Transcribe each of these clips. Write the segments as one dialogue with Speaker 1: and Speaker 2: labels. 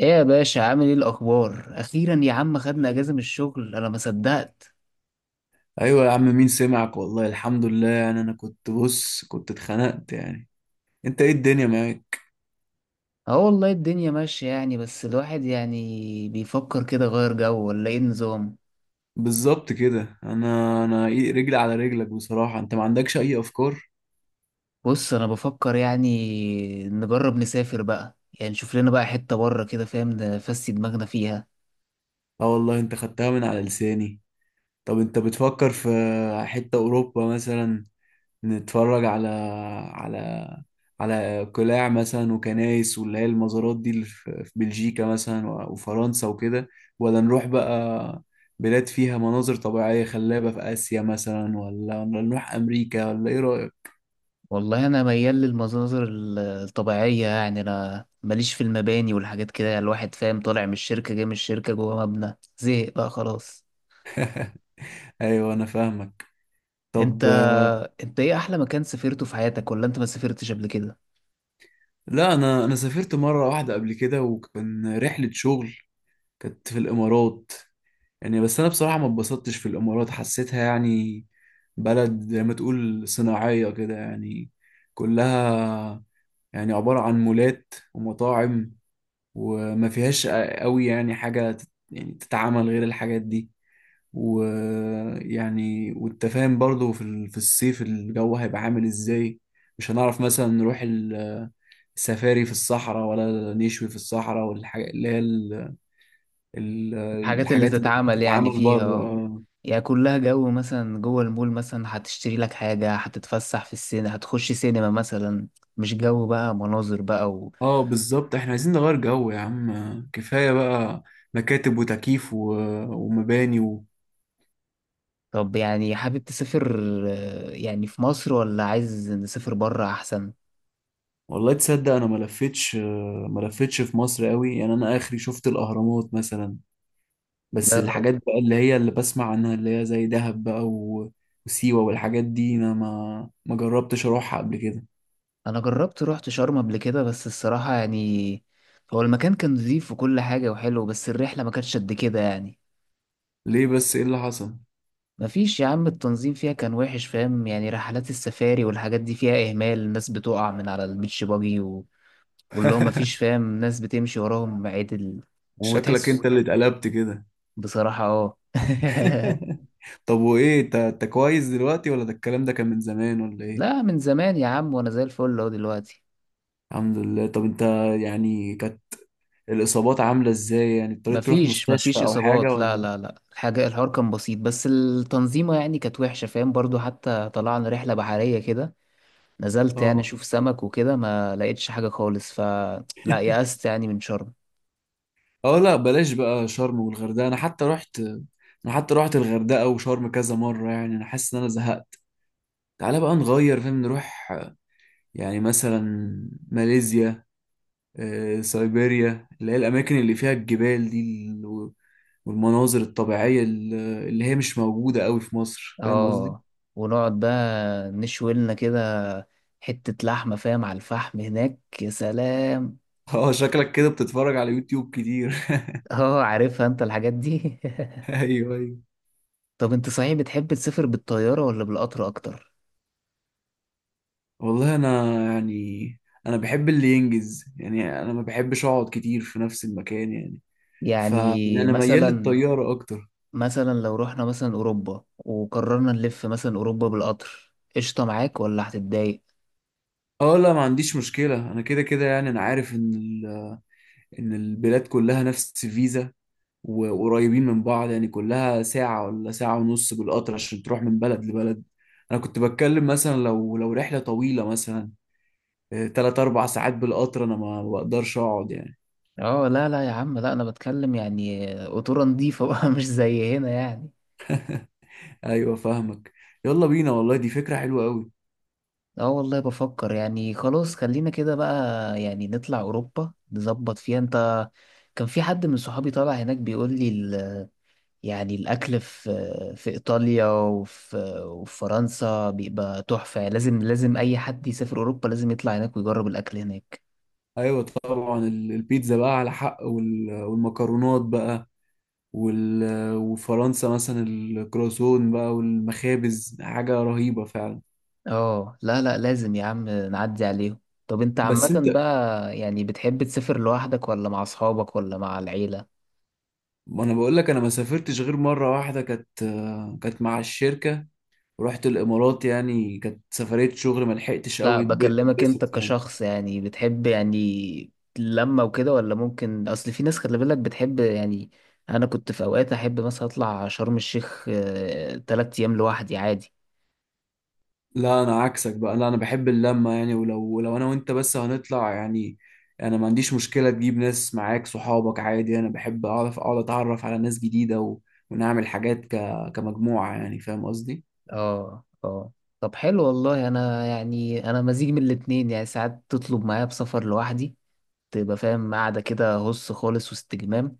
Speaker 1: ايه يا باشا، عامل ايه الاخبار؟ اخيرا يا عم خدنا اجازه من الشغل، انا ما صدقت.
Speaker 2: ايوه يا عم، مين سمعك، والله الحمد لله. يعني انا كنت بص كنت اتخنقت يعني. انت ايه الدنيا معاك؟
Speaker 1: اه والله الدنيا ماشيه يعني، بس الواحد يعني بيفكر كده، غير جو ولا ايه النظام؟
Speaker 2: بالظبط كده. انا إيه رجلي على رجلك بصراحة. انت ما عندكش اي افكار؟
Speaker 1: بص انا بفكر يعني نجرب نسافر بقى، يعني نشوف لنا بقى حته بره كده، فاهم نفسي؟ دماغنا فيها.
Speaker 2: اه والله، انت خدتها من على لساني. طب انت بتفكر في حتة اوروبا مثلا؟ نتفرج على على على قلاع مثلا وكنايس، واللي هي المزارات دي اللي في في بلجيكا مثلا و- وفرنسا وكده، ولا نروح بقى بلاد فيها مناظر طبيعية خلابة في آسيا مثلا، ولا نروح أمريكا، ولا إيه رأيك؟
Speaker 1: والله انا ميال للمناظر الطبيعيه يعني، انا ماليش في المباني والحاجات كده يعني. الواحد فاهم، طالع من الشركه جاي من الشركه جوه مبنى، زهق بقى خلاص.
Speaker 2: أيوه أنا فاهمك.
Speaker 1: انت
Speaker 2: طب،
Speaker 1: انت ايه احلى مكان سافرته في حياتك؟ ولا انت ما سافرتش قبل كده؟
Speaker 2: لا أنا سافرت مرة واحدة قبل كده وكان رحلة شغل، كانت في الإمارات. يعني بس انا بصراحة ما اتبسطتش في الامارات، حسيتها يعني بلد زي ما تقول صناعية كده يعني، كلها يعني عبارة عن مولات ومطاعم، وما فيهاش قوي يعني حاجة يعني تتعمل غير الحاجات دي. ويعني وانت فاهم برضه في الصيف الجو هيبقى عامل ازاي. مش هنعرف مثلا نروح السفاري في الصحراء، ولا نشوي في الصحراء والحاجات اللي هي ال-
Speaker 1: الحاجات اللي
Speaker 2: الحاجات اللي ممكن
Speaker 1: تتعمل يعني
Speaker 2: تتعمل
Speaker 1: فيها، اه.
Speaker 2: بره.
Speaker 1: يعني كلها جو، مثلا جوه المول مثلا هتشتري لك حاجة، هتتفسح في السينما، هتخش سينما مثلا. مش جو بقى مناظر بقى
Speaker 2: اه بالظبط، احنا عايزين نغير جو يا عم، كفاية بقى مكاتب وتكييف ومباني
Speaker 1: طب يعني حابب تسافر يعني في مصر، ولا عايز نسافر بره احسن؟
Speaker 2: والله تصدق، انا ما لفتش، ما لفتش في مصر قوي، يعني انا اخري شفت الاهرامات مثلا، بس
Speaker 1: لا لو-
Speaker 2: الحاجات بقى اللي هي اللي بسمع عنها اللي هي زي دهب بقى، و... وسيوة والحاجات دي، انا ما ما جربتش اروحها قبل كده.
Speaker 1: انا جربت رحت شرم قبل كده، بس الصراحة يعني، هو المكان كان نظيف وكل حاجة وحلو، بس الرحلة ما كانتش قد كده يعني.
Speaker 2: ليه بس ايه اللي حصل؟
Speaker 1: مفيش يا عم، التنظيم فيها كان وحش، فاهم يعني؟ رحلات السفاري والحاجات دي فيها إهمال، الناس بتقع من على البيتش باجي واللي هو مفيش، فاهم؟ ناس بتمشي وراهم عدل
Speaker 2: شكلك
Speaker 1: وتحس.
Speaker 2: انت اللي اتقلبت كده.
Speaker 1: بصراحة اه.
Speaker 2: طب وايه، انت انت كويس دلوقتي، ولا ده الكلام ده كان من زمان، ولا ايه؟
Speaker 1: لا من زمان يا عم، وأنا زي الفل أهو دلوقتي.
Speaker 2: الحمد لله. طب انت يعني كانت الاصابات عامله ازاي، يعني اضطريت تروح
Speaker 1: مفيش
Speaker 2: مستشفى
Speaker 1: مفيش
Speaker 2: او حاجه
Speaker 1: إصابات، لا
Speaker 2: ولا؟
Speaker 1: لا لا، الحاجة الحوار كان بسيط، بس التنظيمة يعني كانت وحشة، فاهم برضو؟ حتى طلعنا رحلة بحرية كده، نزلت يعني
Speaker 2: اه
Speaker 1: أشوف سمك وكده، ما لقيتش حاجة خالص، فلا. يأست يعني من شرم.
Speaker 2: اه، لا بلاش بقى شرم والغردقه. انا حتى رحت، انا حتى رحت الغردقه وشرم كذا مره. يعني انا حاسس ان انا زهقت. تعالى بقى نغير فاهم، نروح يعني مثلا ماليزيا، سيبيريا، اللي هي الاماكن اللي فيها الجبال دي، والمناظر الطبيعيه اللي اللي هي مش موجوده قوي في مصر، فاهم قصدي؟
Speaker 1: اه، ونقعد بقى نشوي لنا كده حتة لحمة، فاهم؟ على الفحم هناك، يا سلام.
Speaker 2: اه شكلك كده بتتفرج على يوتيوب كتير.
Speaker 1: اه عارفها انت الحاجات دي.
Speaker 2: ايوه ايوه.
Speaker 1: طب انت صحيح بتحب تسافر بالطيارة ولا بالقطر اكتر؟
Speaker 2: والله انا يعني انا بحب اللي ينجز، يعني انا ما بحبش اقعد كتير في نفس المكان يعني،
Speaker 1: يعني
Speaker 2: فانا ميال
Speaker 1: مثلا،
Speaker 2: للطياره اكتر.
Speaker 1: مثلا لو رحنا مثلا اوروبا وقررنا نلف مثلا اوروبا بالقطر، قشطة معاك ولا هتتضايق؟
Speaker 2: اه لا، ما عنديش مشكله. انا كده كده يعني، انا عارف ان البلاد كلها نفس الفيزا وقريبين من بعض، يعني كلها ساعه ولا ساعه ونص بالقطر عشان تروح من بلد لبلد. انا كنت بتكلم مثلا، لو رحله طويله مثلا، تلات اربع ساعات بالقطر انا ما ما بقدرش اقعد يعني.
Speaker 1: اه لا لا يا عم، لا انا بتكلم يعني قطورة نضيفة بقى مش زي هنا يعني.
Speaker 2: ايوه فاهمك، يلا بينا، والله دي فكره حلوه قوي.
Speaker 1: اه والله بفكر يعني، خلاص خلينا كده بقى. يعني نطلع اوروبا نظبط فيها. انت، كان في حد من صحابي طالع هناك بيقول لي يعني الاكل في في ايطاليا وفي، وفي فرنسا بيبقى تحفة يعني. لازم، لازم اي حد يسافر اوروبا لازم يطلع هناك ويجرب الاكل هناك.
Speaker 2: ايوه طبعا، البيتزا بقى على حق وال- والمكرونات بقى، وال- وفرنسا مثلا الكرواسون بقى والمخابز حاجه رهيبه فعلا.
Speaker 1: اه لا لا لازم يا عم نعدي عليهم. طب انت
Speaker 2: طب بس،
Speaker 1: عامة
Speaker 2: طب انت،
Speaker 1: بقى يعني بتحب تسافر لوحدك ولا مع اصحابك ولا مع العيلة؟
Speaker 2: ما انا بقول لك انا ما سافرتش غير مره واحده، كانت مع الشركه، ورحت الامارات. يعني كانت سفريه شغل، ما لحقتش
Speaker 1: لا
Speaker 2: قوي
Speaker 1: بكلمك انت
Speaker 2: اتبسط يعني.
Speaker 1: كشخص، يعني بتحب يعني لما وكده، ولا ممكن، اصل في ناس خلي بالك بتحب يعني. انا كنت في اوقات احب مثلا اطلع شرم الشيخ تلات ايام لوحدي عادي.
Speaker 2: لا انا عكسك بقى، لا انا بحب اللمه يعني، ولو لو انا وانت بس هنطلع يعني، انا ما عنديش مشكله تجيب ناس معاك صحابك عادي، انا بحب اعرف اقعد اتعرف على ناس جديده و... ونعمل حاجات ك... كمجموعه يعني، فاهم قصدي؟
Speaker 1: اه اه. طب حلو والله، انا يعني انا مزيج من الاتنين يعني. ساعات تطلب معايا بسفر لوحدي، تبقى فاهم قاعدة كده هص خالص واستجمام،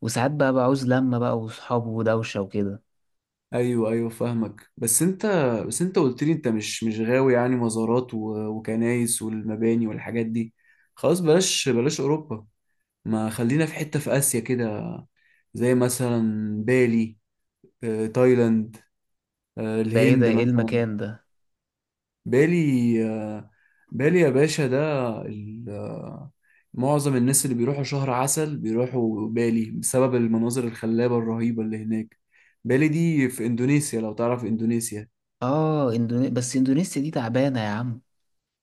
Speaker 1: وساعات بقى بعوز لمة بقى وصحاب ودوشة وكده.
Speaker 2: ايوه ايوه فاهمك. بس انت قلت لي انت مش غاوي يعني مزارات و... وكنايس والمباني والحاجات دي، خلاص بلاش بلاش اوروبا، ما خلينا في حته في اسيا كده، زي مثلا بالي، تايلاند،
Speaker 1: ده ايه؟ ده
Speaker 2: الهند
Speaker 1: ايه
Speaker 2: مثلا.
Speaker 1: المكان ده؟
Speaker 2: بالي؟ بالي يا باشا، ده ال- آه، معظم الناس اللي بيروحوا شهر عسل بيروحوا بالي بسبب المناظر الخلابة الرهيبة اللي هناك. بالي دي في إندونيسيا، لو تعرف إندونيسيا.
Speaker 1: اه اندوني...، بس اندونيسيا دي تعبانة يا عم.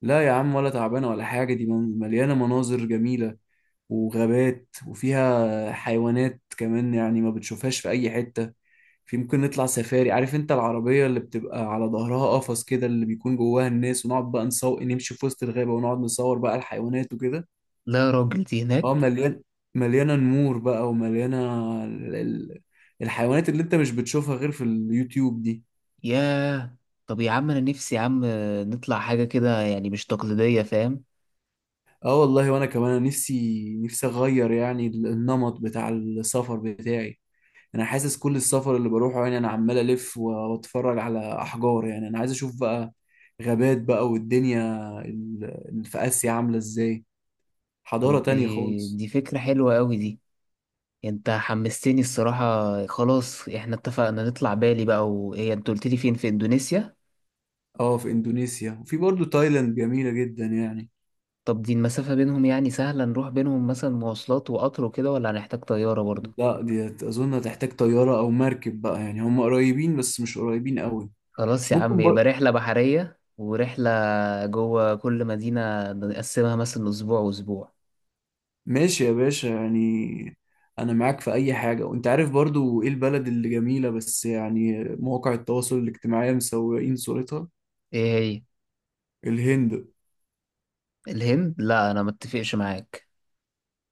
Speaker 2: لا يا عم، ولا تعبانة ولا حاجة، دي مليانة مناظر جميلة وغابات وفيها حيوانات كمان يعني ما بتشوفهاش في أي حتة. في، ممكن نطلع سفاري، عارف انت العربية اللي بتبقى على ظهرها قفص كده اللي بيكون جواها الناس، ونقعد بقى نصور نمشي في وسط الغابة ونقعد نصور بقى الحيوانات وكده.
Speaker 1: لا يا راجل، دي
Speaker 2: اه
Speaker 1: هناك؟
Speaker 2: مليان، مليانه نمور بقى، ومليانه ال- ال- الحيوانات اللي انت مش بتشوفها غير في اليوتيوب دي.
Speaker 1: ياه. طب يا عم انا نفسي يا عم نطلع حاجة كده يعني مش تقليدية، فاهم؟
Speaker 2: اه والله، وانا كمان نفسي اغير يعني النمط بتاع السفر بتاعي. انا حاسس كل السفر اللي بروحه يعني، انا عمال الف و- واتفرج على احجار يعني. انا عايز اشوف بقى غابات بقى والدنيا اللي في اسيا عامله ازاي، حضاره
Speaker 1: طب
Speaker 2: تانية
Speaker 1: دي
Speaker 2: خالص.
Speaker 1: دي فكرة حلوة قوي دي. يعني انت حمستني الصراحة. خلاص احنا اتفقنا نطلع بالي بقى، وهي انت قلت لي فين؟ في اندونيسيا؟
Speaker 2: اه في اندونيسيا، وفي برضو تايلاند جميله جدا يعني.
Speaker 1: طب دي المسافة بينهم يعني سهلة نروح بينهم؟ مثلا مواصلات وقطر وكده، ولا هنحتاج طيارة برضه؟
Speaker 2: لا دي اظن هتحتاج طياره او مركب بقى يعني، هم قريبين بس مش قريبين قوي.
Speaker 1: خلاص يا عم،
Speaker 2: ممكن بر...
Speaker 1: يبقى رحلة بحرية ورحلة. جوه كل مدينة نقسمها مثلا أسبوع وأسبوع.
Speaker 2: ماشي يا باشا يعني، انا معاك في اي حاجه، وانت عارف برضو ايه البلد اللي جميله بس يعني مواقع التواصل الاجتماعي مسوقين صورتها:
Speaker 1: إيه هي؟
Speaker 2: الهند.
Speaker 1: الهند؟ لا أنا متفقش معاك.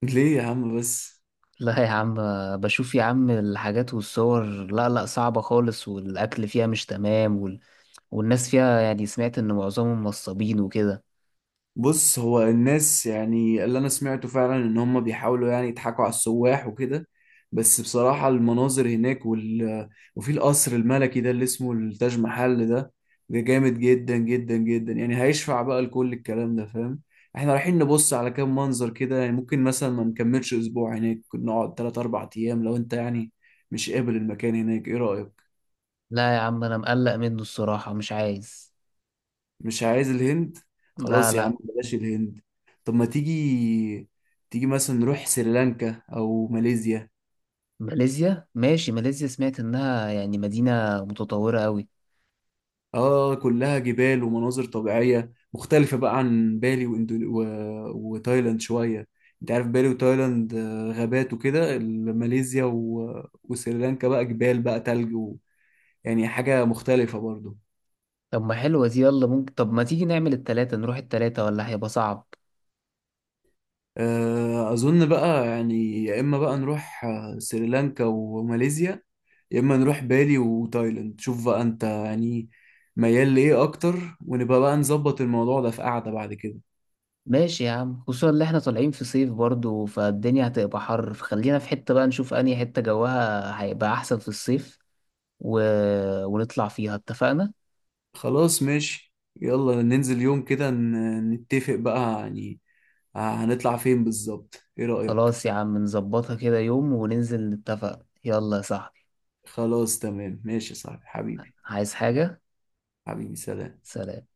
Speaker 2: ليه يا عم بس؟
Speaker 1: لا يا عم، بشوف يا عم الحاجات والصور، لا لا صعبة خالص، والأكل فيها مش تمام والناس فيها يعني سمعت إن معظمهم نصابين وكده.
Speaker 2: بص هو الناس، يعني اللي انا سمعته فعلا ان هم بيحاولوا يعني يضحكوا على السواح وكده، بس بصراحة المناظر هناك، وال... وفي القصر الملكي ده اللي اسمه التاج محل ده، ده جامد جدا جدا جدا يعني، هيشفع بقى لكل الكلام ده فاهم. احنا رايحين نبص على كام منظر كده يعني، ممكن مثلا ما نكملش اسبوع هناك، نقعد 3 4 ايام، لو انت يعني مش قابل المكان هناك، ايه رأيك؟
Speaker 1: لا يا عم، أنا مقلق منه الصراحة، مش عايز.
Speaker 2: مش عايز الهند،
Speaker 1: لا
Speaker 2: خلاص يا
Speaker 1: لا.
Speaker 2: عم، بلاش الهند. طب ما تيجي تيجي مثلا نروح سريلانكا او ماليزيا.
Speaker 1: ماليزيا، ماشي ماليزيا، سمعت إنها يعني مدينة متطورة أوي.
Speaker 2: اه كلها جبال ومناظر طبيعية مختلفة بقى عن بالي واندو... و... وتايلاند شوية، انت عارف بالي وتايلاند غابات وكده، ماليزيا و... وسريلانكا بقى جبال بقى تلج، و... يعني حاجة مختلفة برضو.
Speaker 1: طب ما حلوة دي، يلا ممكن، طب ما تيجي نعمل التلاتة، نروح التلاتة ولا هيبقى صعب؟
Speaker 2: أظن بقى يعني، يا إما بقى نروح سريلانكا وماليزيا، يا اما نروح بالي وتايلاند، شوف بقى انت يعني ميال لايه اكتر، ونبقى بقى نظبط الموضوع ده في قعدة بعد كده.
Speaker 1: ماشي يا عم، خصوصا اللي احنا طالعين في صيف برضو، فالدنيا هتبقى حر، فخلينا في حتة بقى نشوف أنهي حتة جوها هيبقى أحسن في الصيف و... ونطلع فيها، اتفقنا.
Speaker 2: خلاص ماشي، يلا ننزل يوم كده نتفق بقى يعني، هنطلع فين بالظبط، ايه رأيك؟
Speaker 1: خلاص يا عم نظبطها كده يوم وننزل نتفق، يلا يا صاحبي.
Speaker 2: خلاص تمام، ماشي يا صاحبي حبيبي،
Speaker 1: عايز حاجة؟
Speaker 2: حبيبي سلام.
Speaker 1: سلام.